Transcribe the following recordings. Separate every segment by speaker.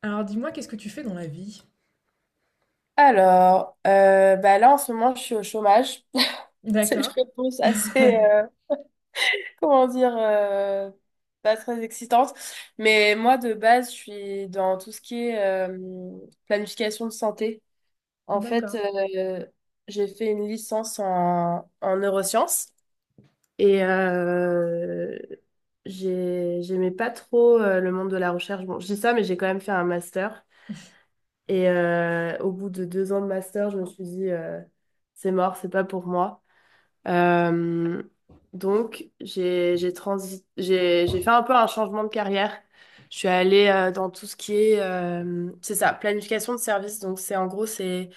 Speaker 1: Alors dis-moi, qu'est-ce que tu fais dans la vie?
Speaker 2: Alors, bah là en ce moment je suis au chômage. C'est une
Speaker 1: D'accord.
Speaker 2: réponse assez, comment dire, pas très excitante. Mais moi de base je suis dans tout ce qui est euh, planification de santé. En fait,
Speaker 1: D'accord.
Speaker 2: j'ai fait une licence en neurosciences et j'aimais pas trop le monde de la recherche. Bon, je dis ça, mais j'ai quand même fait un master. Et au bout de 2 ans de master, je me suis dit, c'est mort, c'est pas pour moi. Euh, donc, j'ai fait un peu un changement de carrière. Je suis allée dans tout ce qui est, c'est ça, planification de services. Donc, c'est en gros, c'est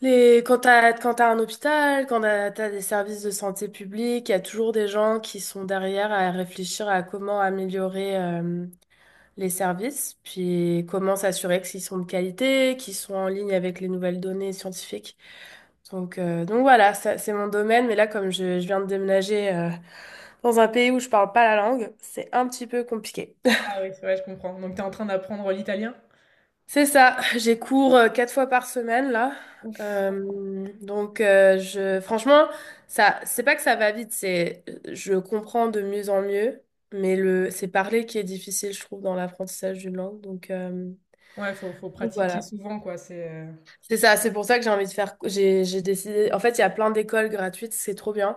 Speaker 2: les, quand t'as un hôpital, quand t'as des services de santé publique, il y a toujours des gens qui sont derrière à réfléchir à comment améliorer. Les services, puis comment s'assurer qu'ils sont de qualité, qu'ils sont en ligne avec les nouvelles données scientifiques. Donc, voilà, ça, c'est mon domaine, mais là, comme je viens de déménager dans un pays où je parle pas la langue, c'est un petit peu compliqué.
Speaker 1: Ah oui, ouais, je comprends. Donc tu es en train d'apprendre l'italien?
Speaker 2: C'est ça, j'ai cours 4 fois par semaine là. Donc je franchement ça c'est pas que ça va vite, c'est je comprends de mieux en mieux, mais le c'est parler qui est difficile je trouve dans l'apprentissage d'une langue. Donc, euh,
Speaker 1: Ouais, faut
Speaker 2: donc
Speaker 1: pratiquer
Speaker 2: voilà.
Speaker 1: souvent, quoi.
Speaker 2: C'est ça, c'est pour ça que j'ai envie de faire. J'ai décidé. En fait, il y a plein d'écoles gratuites, c'est trop bien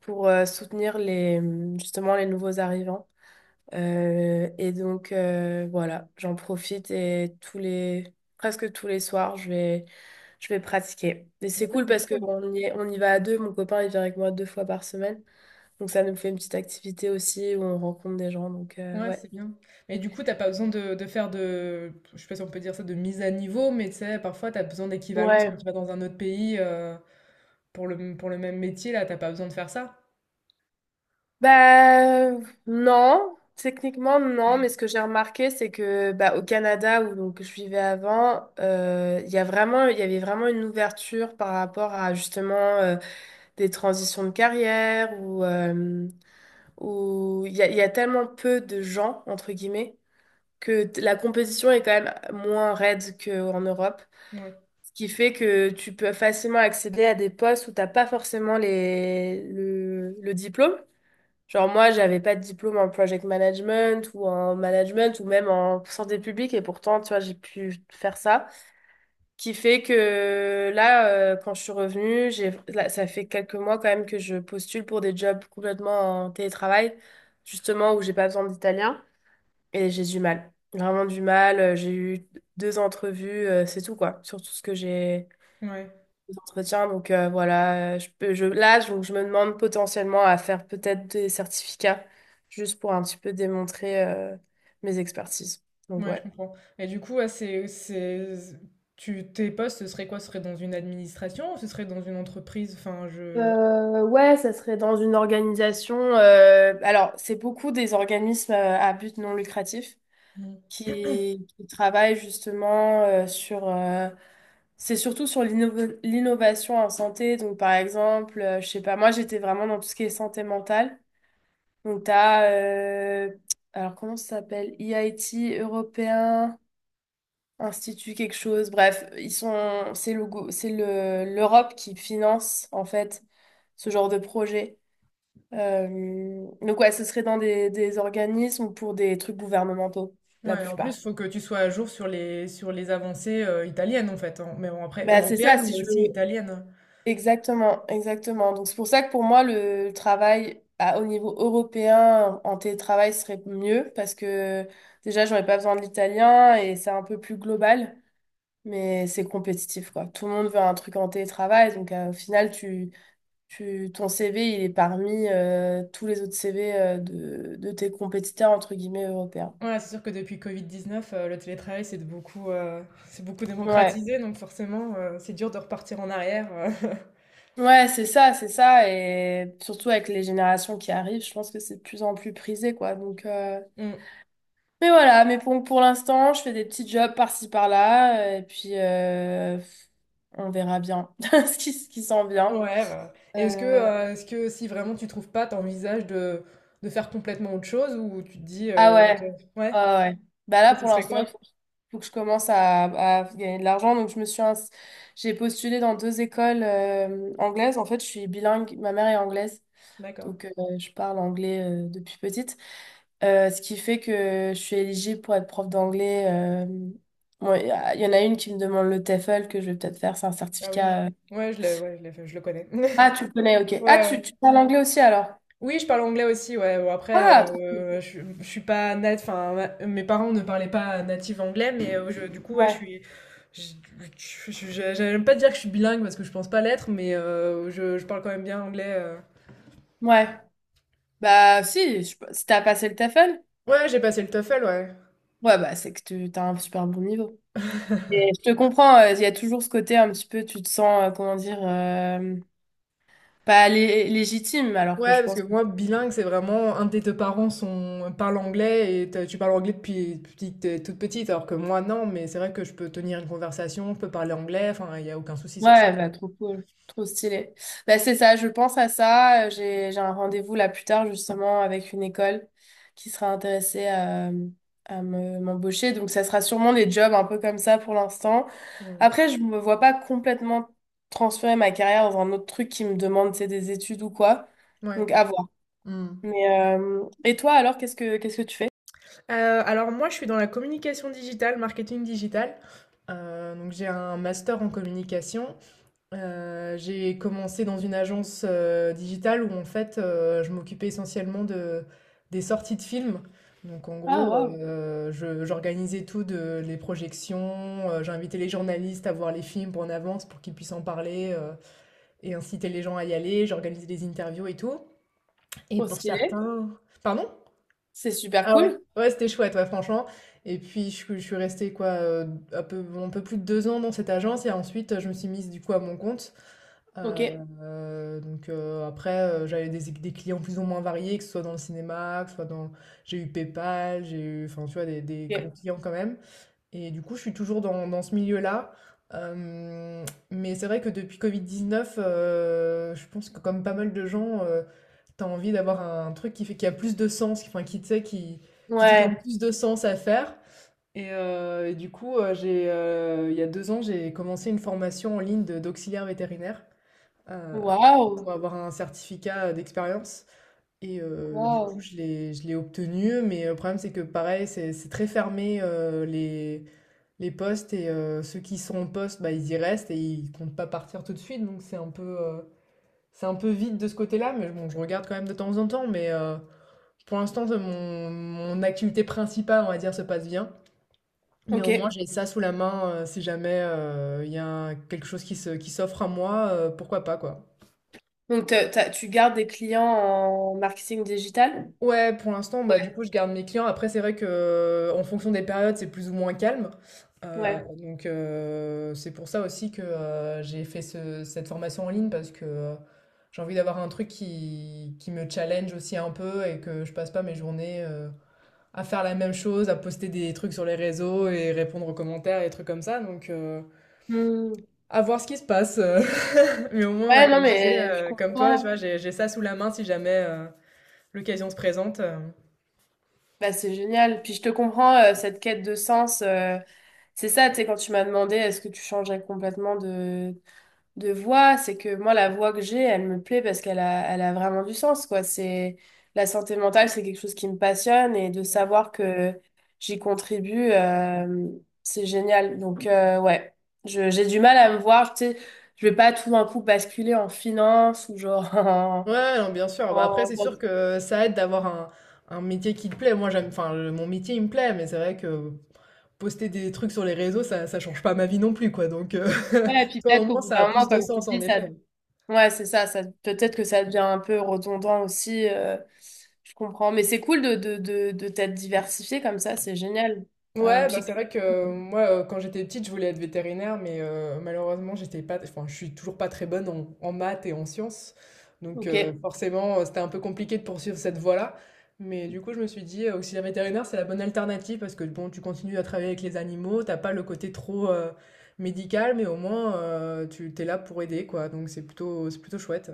Speaker 2: pour soutenir justement les nouveaux arrivants. Et donc, voilà, j'en profite et presque tous les soirs, je vais pratiquer. Et
Speaker 1: Donc
Speaker 2: c'est
Speaker 1: ça,
Speaker 2: cool
Speaker 1: c'est
Speaker 2: parce
Speaker 1: cool.
Speaker 2: qu'on y va à deux. Mon copain, il vient avec moi 2 fois par semaine. Donc, ça nous fait une petite activité aussi où on rencontre des gens. Donc,
Speaker 1: Ouais,
Speaker 2: ouais.
Speaker 1: c'est bien. Mais du coup, t'as pas besoin de faire de, je sais pas si on peut dire ça, de mise à niveau, mais tu sais, parfois t'as besoin d'équivalence quand
Speaker 2: Ouais.
Speaker 1: tu vas dans un autre pays pour pour le même métier, là, t'as pas besoin de faire ça.
Speaker 2: Bah non, techniquement non, mais ce que j'ai remarqué, c'est que bah, au Canada où donc je vivais avant, il y avait vraiment une ouverture par rapport à justement des transitions de carrière ou où il y a tellement peu de gens entre guillemets la compétition est quand même moins raide qu'en Europe,
Speaker 1: Ouais,
Speaker 2: ce qui fait que tu peux facilement accéder à des postes où t'as pas forcément le diplôme. Genre moi, j'avais pas de diplôme en project management ou en management ou même en santé publique et pourtant, tu vois, j'ai pu faire ça. Qui fait que là, quand je suis revenue, là, ça fait quelques mois quand même que je postule pour des jobs complètement en télétravail, justement où j'ai pas besoin d'italien et j'ai du mal. Vraiment du mal. J'ai eu 2 entrevues, c'est tout quoi, sur tout ce que j'ai
Speaker 1: ouais.
Speaker 2: des entretiens. Donc voilà, je peux, je, là, je me demande potentiellement à faire peut-être des certificats juste pour un petit peu démontrer mes expertises. Donc
Speaker 1: Ouais, je
Speaker 2: ouais.
Speaker 1: comprends. Et du coup, ouais, tu, tes postes, ce serait quoi? Ce serait dans une administration ou ce serait dans une entreprise? Enfin, je.
Speaker 2: Ouais, ça serait dans une organisation. Alors, c'est beaucoup des organismes à but non lucratif
Speaker 1: Mm.
Speaker 2: qui travaillent justement sur. C'est surtout sur l'innovation en santé. Donc, par exemple, je sais pas, moi j'étais vraiment dans tout ce qui est santé mentale. Donc, alors comment ça s'appelle? EIT européen, Institut quelque chose. Bref, ils sont, c'est le, go- c'est le, l'Europe qui finance, en fait, ce genre de projet. Euh, donc, ouais, ce serait dans des organismes ou pour des trucs gouvernementaux, la
Speaker 1: Ouais, en plus,
Speaker 2: plupart.
Speaker 1: il faut que tu sois à jour sur sur les avancées italiennes, en fait, hein. Mais bon, après,
Speaker 2: Bah, c'est ça,
Speaker 1: européennes,
Speaker 2: si
Speaker 1: mais
Speaker 2: je
Speaker 1: aussi
Speaker 2: veux.
Speaker 1: italiennes.
Speaker 2: Exactement, exactement. Donc c'est pour ça que pour moi, le travail au niveau européen en télétravail serait mieux parce que déjà, j'aurais pas besoin de l'italien et c'est un peu plus global, mais c'est compétitif, quoi. Tout le monde veut un truc en télétravail, donc au final, ton CV, il est parmi tous les autres CV de tes compétiteurs, entre guillemets, européens.
Speaker 1: Ouais, c'est sûr que depuis Covid-19, le télétravail, c'est beaucoup
Speaker 2: Ouais,
Speaker 1: démocratisé, donc forcément, c'est dur de repartir en arrière.
Speaker 2: ouais, c'est ça, c'est ça. Et surtout avec les générations qui arrivent, je pense que c'est de plus en plus prisé, quoi. Donc.
Speaker 1: Mm.
Speaker 2: Mais voilà, mais pour l'instant, je fais des petits jobs par-ci par-là, et puis on verra bien ce qui s'en vient.
Speaker 1: Ouais, bah.
Speaker 2: Euh,
Speaker 1: Est-ce que si vraiment tu trouves pas, t'envisages de faire complètement autre chose ou tu te dis,
Speaker 2: ah ouais,
Speaker 1: ouais,
Speaker 2: ah ouais. Bah là,
Speaker 1: et ce
Speaker 2: pour
Speaker 1: serait
Speaker 2: l'instant,
Speaker 1: quoi?
Speaker 2: faut que je commence à gagner de l'argent. Donc, je me suis ins- j'ai postulé dans 2 écoles anglaises. En fait, je suis bilingue, ma mère est anglaise,
Speaker 1: D'accord.
Speaker 2: donc je parle anglais depuis petite. Ce qui fait que je suis éligible pour être prof d'anglais. Bon, il y en a une qui me demande le TEFL que je vais peut-être faire, c'est un
Speaker 1: Ah oui, ouais.
Speaker 2: certificat.
Speaker 1: Ouais, je l'ai fait, je le connais.
Speaker 2: Ah, tu le connais, ok. Ah,
Speaker 1: Ouais, ouais.
Speaker 2: tu parles anglais aussi alors?
Speaker 1: Oui, je parle anglais aussi, ouais. Bon, après,
Speaker 2: Ah, trop cool.
Speaker 1: je suis pas nat, enfin, ma- mes parents ne parlaient pas natif anglais, du coup, ouais, je
Speaker 2: Ouais,
Speaker 1: suis. je- J'aime pas dire que je suis bilingue parce que je pense pas l'être, je parle quand même bien anglais.
Speaker 2: ouais. Bah, si, si t'as passé le TEFL,
Speaker 1: Ouais, j'ai passé le TOEFL, ouais.
Speaker 2: ouais, bah, c'est que tu t'as un super bon niveau. Et je te comprends, il y a toujours ce côté un petit peu, tu te sens, comment dire, pas légitime, alors que
Speaker 1: Ouais,
Speaker 2: je
Speaker 1: parce que
Speaker 2: pense que.
Speaker 1: moi, bilingue, c'est vraiment un des deux parle anglais et tu parles anglais depuis que t'es toute petite, alors que moi, non, mais c'est vrai que je peux tenir une conversation, je peux parler anglais, enfin, il n'y a aucun souci sur ça,
Speaker 2: Ouais,
Speaker 1: quoi.
Speaker 2: bah, trop cool, trop stylé. Bah, c'est ça, je pense à ça. J'ai, un rendez-vous là plus tard justement avec une école qui sera intéressée m'embaucher. Donc ça sera sûrement des jobs un peu comme ça pour l'instant.
Speaker 1: Ouais.
Speaker 2: Après, je me vois pas complètement transférer ma carrière dans un autre truc qui me demande, c'est des études ou quoi.
Speaker 1: Ouais.
Speaker 2: Donc à voir.
Speaker 1: Hmm.
Speaker 2: Mais et toi alors, qu'est-ce que tu fais?
Speaker 1: Heu, alors moi, je suis dans la communication digitale, marketing digital. Donc j'ai un master en communication. J'ai commencé dans une agence, digitale où en fait, je m'occupais essentiellement de des sorties de films. Donc en
Speaker 2: Ah
Speaker 1: gros,
Speaker 2: waouh,
Speaker 1: je j'organisais tout de les projections, j'invitais les journalistes à voir les films en avance pour qu'ils puissent en parler, et inciter les gens à y aller. J'organisais des interviews et tout et
Speaker 2: trop
Speaker 1: pour
Speaker 2: stylé.
Speaker 1: certains pardon?
Speaker 2: C'est super
Speaker 1: Ah ouais?
Speaker 2: cool.
Speaker 1: Ouais, c'était chouette, ouais, franchement. Et puis, je suis restée, quoi, un peu plus de deux ans dans cette agence. Et ensuite, je me suis mise, du coup, à mon compte.
Speaker 2: Ok.
Speaker 1: Euh, donc, après, j'avais des clients plus ou moins variés, que ce soit dans le cinéma, que ce soit dans... J'ai eu PayPal, j'ai eu, enfin, tu vois, des gros
Speaker 2: Ok.
Speaker 1: clients quand même. Et du coup, je suis toujours dans ce milieu-là. Mais c'est vrai que depuis Covid-19, je pense que comme pas mal de gens... T'as envie d'avoir un truc qui fait qui a plus de sens, qui, enfin, qui, tu sais, qui te donne
Speaker 2: Ouais.
Speaker 1: plus de sens à faire. Et du coup, il y a deux ans, j'ai commencé une formation en ligne d'auxiliaire vétérinaire euh,
Speaker 2: Waouh.
Speaker 1: pour avoir un certificat d'expérience. Du coup,
Speaker 2: Waouh.
Speaker 1: je l'ai obtenu. Mais le problème, c'est que pareil, c'est très fermé les postes. Ceux qui sont en poste, bah, ils y restent et ils comptent pas partir tout de suite. Donc c'est un peu vide de ce côté-là. Mais bon, je regarde quand même de temps en temps. Pour l'instant, mon activité principale, on va dire, se passe bien. Mais au moins,
Speaker 2: Ok.
Speaker 1: j'ai ça sous la main si jamais il y a quelque chose qui s'offre à moi, pourquoi pas, quoi.
Speaker 2: Donc, tu gardes des clients en marketing digital?
Speaker 1: Ouais, pour l'instant, bah, du
Speaker 2: Ouais.
Speaker 1: coup, je garde mes clients. Après, c'est vrai que en fonction des périodes, c'est plus ou moins calme.
Speaker 2: Ouais.
Speaker 1: Donc, c'est pour ça aussi que j'ai fait cette formation en ligne parce que j'ai envie d'avoir un truc qui me challenge aussi un peu et que je passe pas mes journées, à faire la même chose, à poster des trucs sur les réseaux et répondre aux commentaires et des trucs comme ça. Donc,
Speaker 2: Hmm.
Speaker 1: à voir ce qui se passe. Mais au moins, ouais,
Speaker 2: Ouais, non,
Speaker 1: comme je disais,
Speaker 2: mais je
Speaker 1: comme toi, tu vois,
Speaker 2: comprends.
Speaker 1: j'ai ça sous la main si jamais l'occasion se présente.
Speaker 2: Bah, c'est génial. Puis je te comprends, cette quête de sens. C'est ça, tu sais, quand tu m'as demandé est-ce que tu changerais complètement de voix, c'est que moi, la voix que j'ai, elle me plaît parce qu'elle a vraiment du sens, quoi. La santé mentale, c'est quelque chose qui me passionne et de savoir que j'y contribue, c'est génial. Donc, ouais, j'ai du mal à me voir, tu sais, je vais pas tout d'un coup basculer en finance ou genre en...
Speaker 1: Ouais, non, bien sûr. Bah, après,
Speaker 2: en...
Speaker 1: c'est sûr que ça aide d'avoir un métier qui te plaît. Moi, mon métier, il me plaît, mais c'est vrai que poster des trucs sur les réseaux, ça change pas ma vie non plus, quoi.
Speaker 2: Ouais, et puis
Speaker 1: Toi, au
Speaker 2: peut-être qu'au
Speaker 1: moins,
Speaker 2: bout
Speaker 1: ça a
Speaker 2: d'un moment,
Speaker 1: plus de
Speaker 2: comme tu
Speaker 1: sens, en
Speaker 2: dis, ça.
Speaker 1: effet.
Speaker 2: Ouais, c'est ça, ça peut-être que ça devient un peu redondant aussi, je comprends. Mais c'est cool de t'être diversifié comme ça, c'est génial. Euh,
Speaker 1: Ouais, bah,
Speaker 2: puis-
Speaker 1: c'est vrai que quand j'étais petite, je voulais être vétérinaire, malheureusement, j'étais pas, enfin, je suis toujours pas très bonne en, en maths et en sciences. Donc,
Speaker 2: ok,
Speaker 1: forcément, c'était un peu compliqué de poursuivre cette voie-là. Mais du coup, je me suis dit, auxiliaire vétérinaire, c'est la bonne alternative parce que bon, tu continues à travailler avec les animaux, t'as pas le côté trop médical, mais au moins, tu t'es là pour aider, quoi. Donc, c'est plutôt chouette.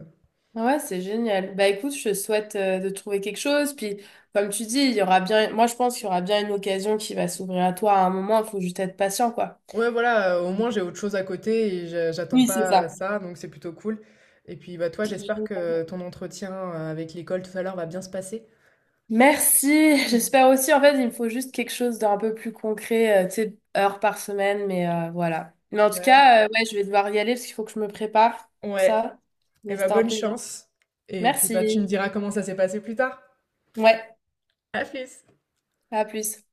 Speaker 2: ouais, c'est génial. Bah écoute, je te souhaite de trouver quelque chose. Puis comme tu dis, il y aura bien, moi je pense qu'il y aura bien une occasion qui va s'ouvrir à toi à un moment, il faut juste être patient, quoi.
Speaker 1: Ouais, voilà, au moins j'ai autre chose à côté et j'attends
Speaker 2: Oui, c'est
Speaker 1: pas
Speaker 2: ça.
Speaker 1: ça, donc c'est plutôt cool. Et puis bah toi, j'espère que ton entretien avec l'école tout à l'heure va bien se passer.
Speaker 2: Merci,
Speaker 1: Mm.
Speaker 2: j'espère aussi. En fait, il me faut juste quelque chose d'un peu plus concret, tu sais, heure par semaine, mais voilà. Mais en tout
Speaker 1: Bah oui.
Speaker 2: cas, ouais, je vais devoir y aller parce qu'il faut que je me prépare,
Speaker 1: Ouais,
Speaker 2: ça.
Speaker 1: et
Speaker 2: Mais
Speaker 1: bah
Speaker 2: c'était un
Speaker 1: bonne
Speaker 2: plaisir.
Speaker 1: chance. Et puis bah tu me
Speaker 2: Merci.
Speaker 1: diras comment ça s'est passé plus tard.
Speaker 2: Ouais,
Speaker 1: À plus.
Speaker 2: à plus.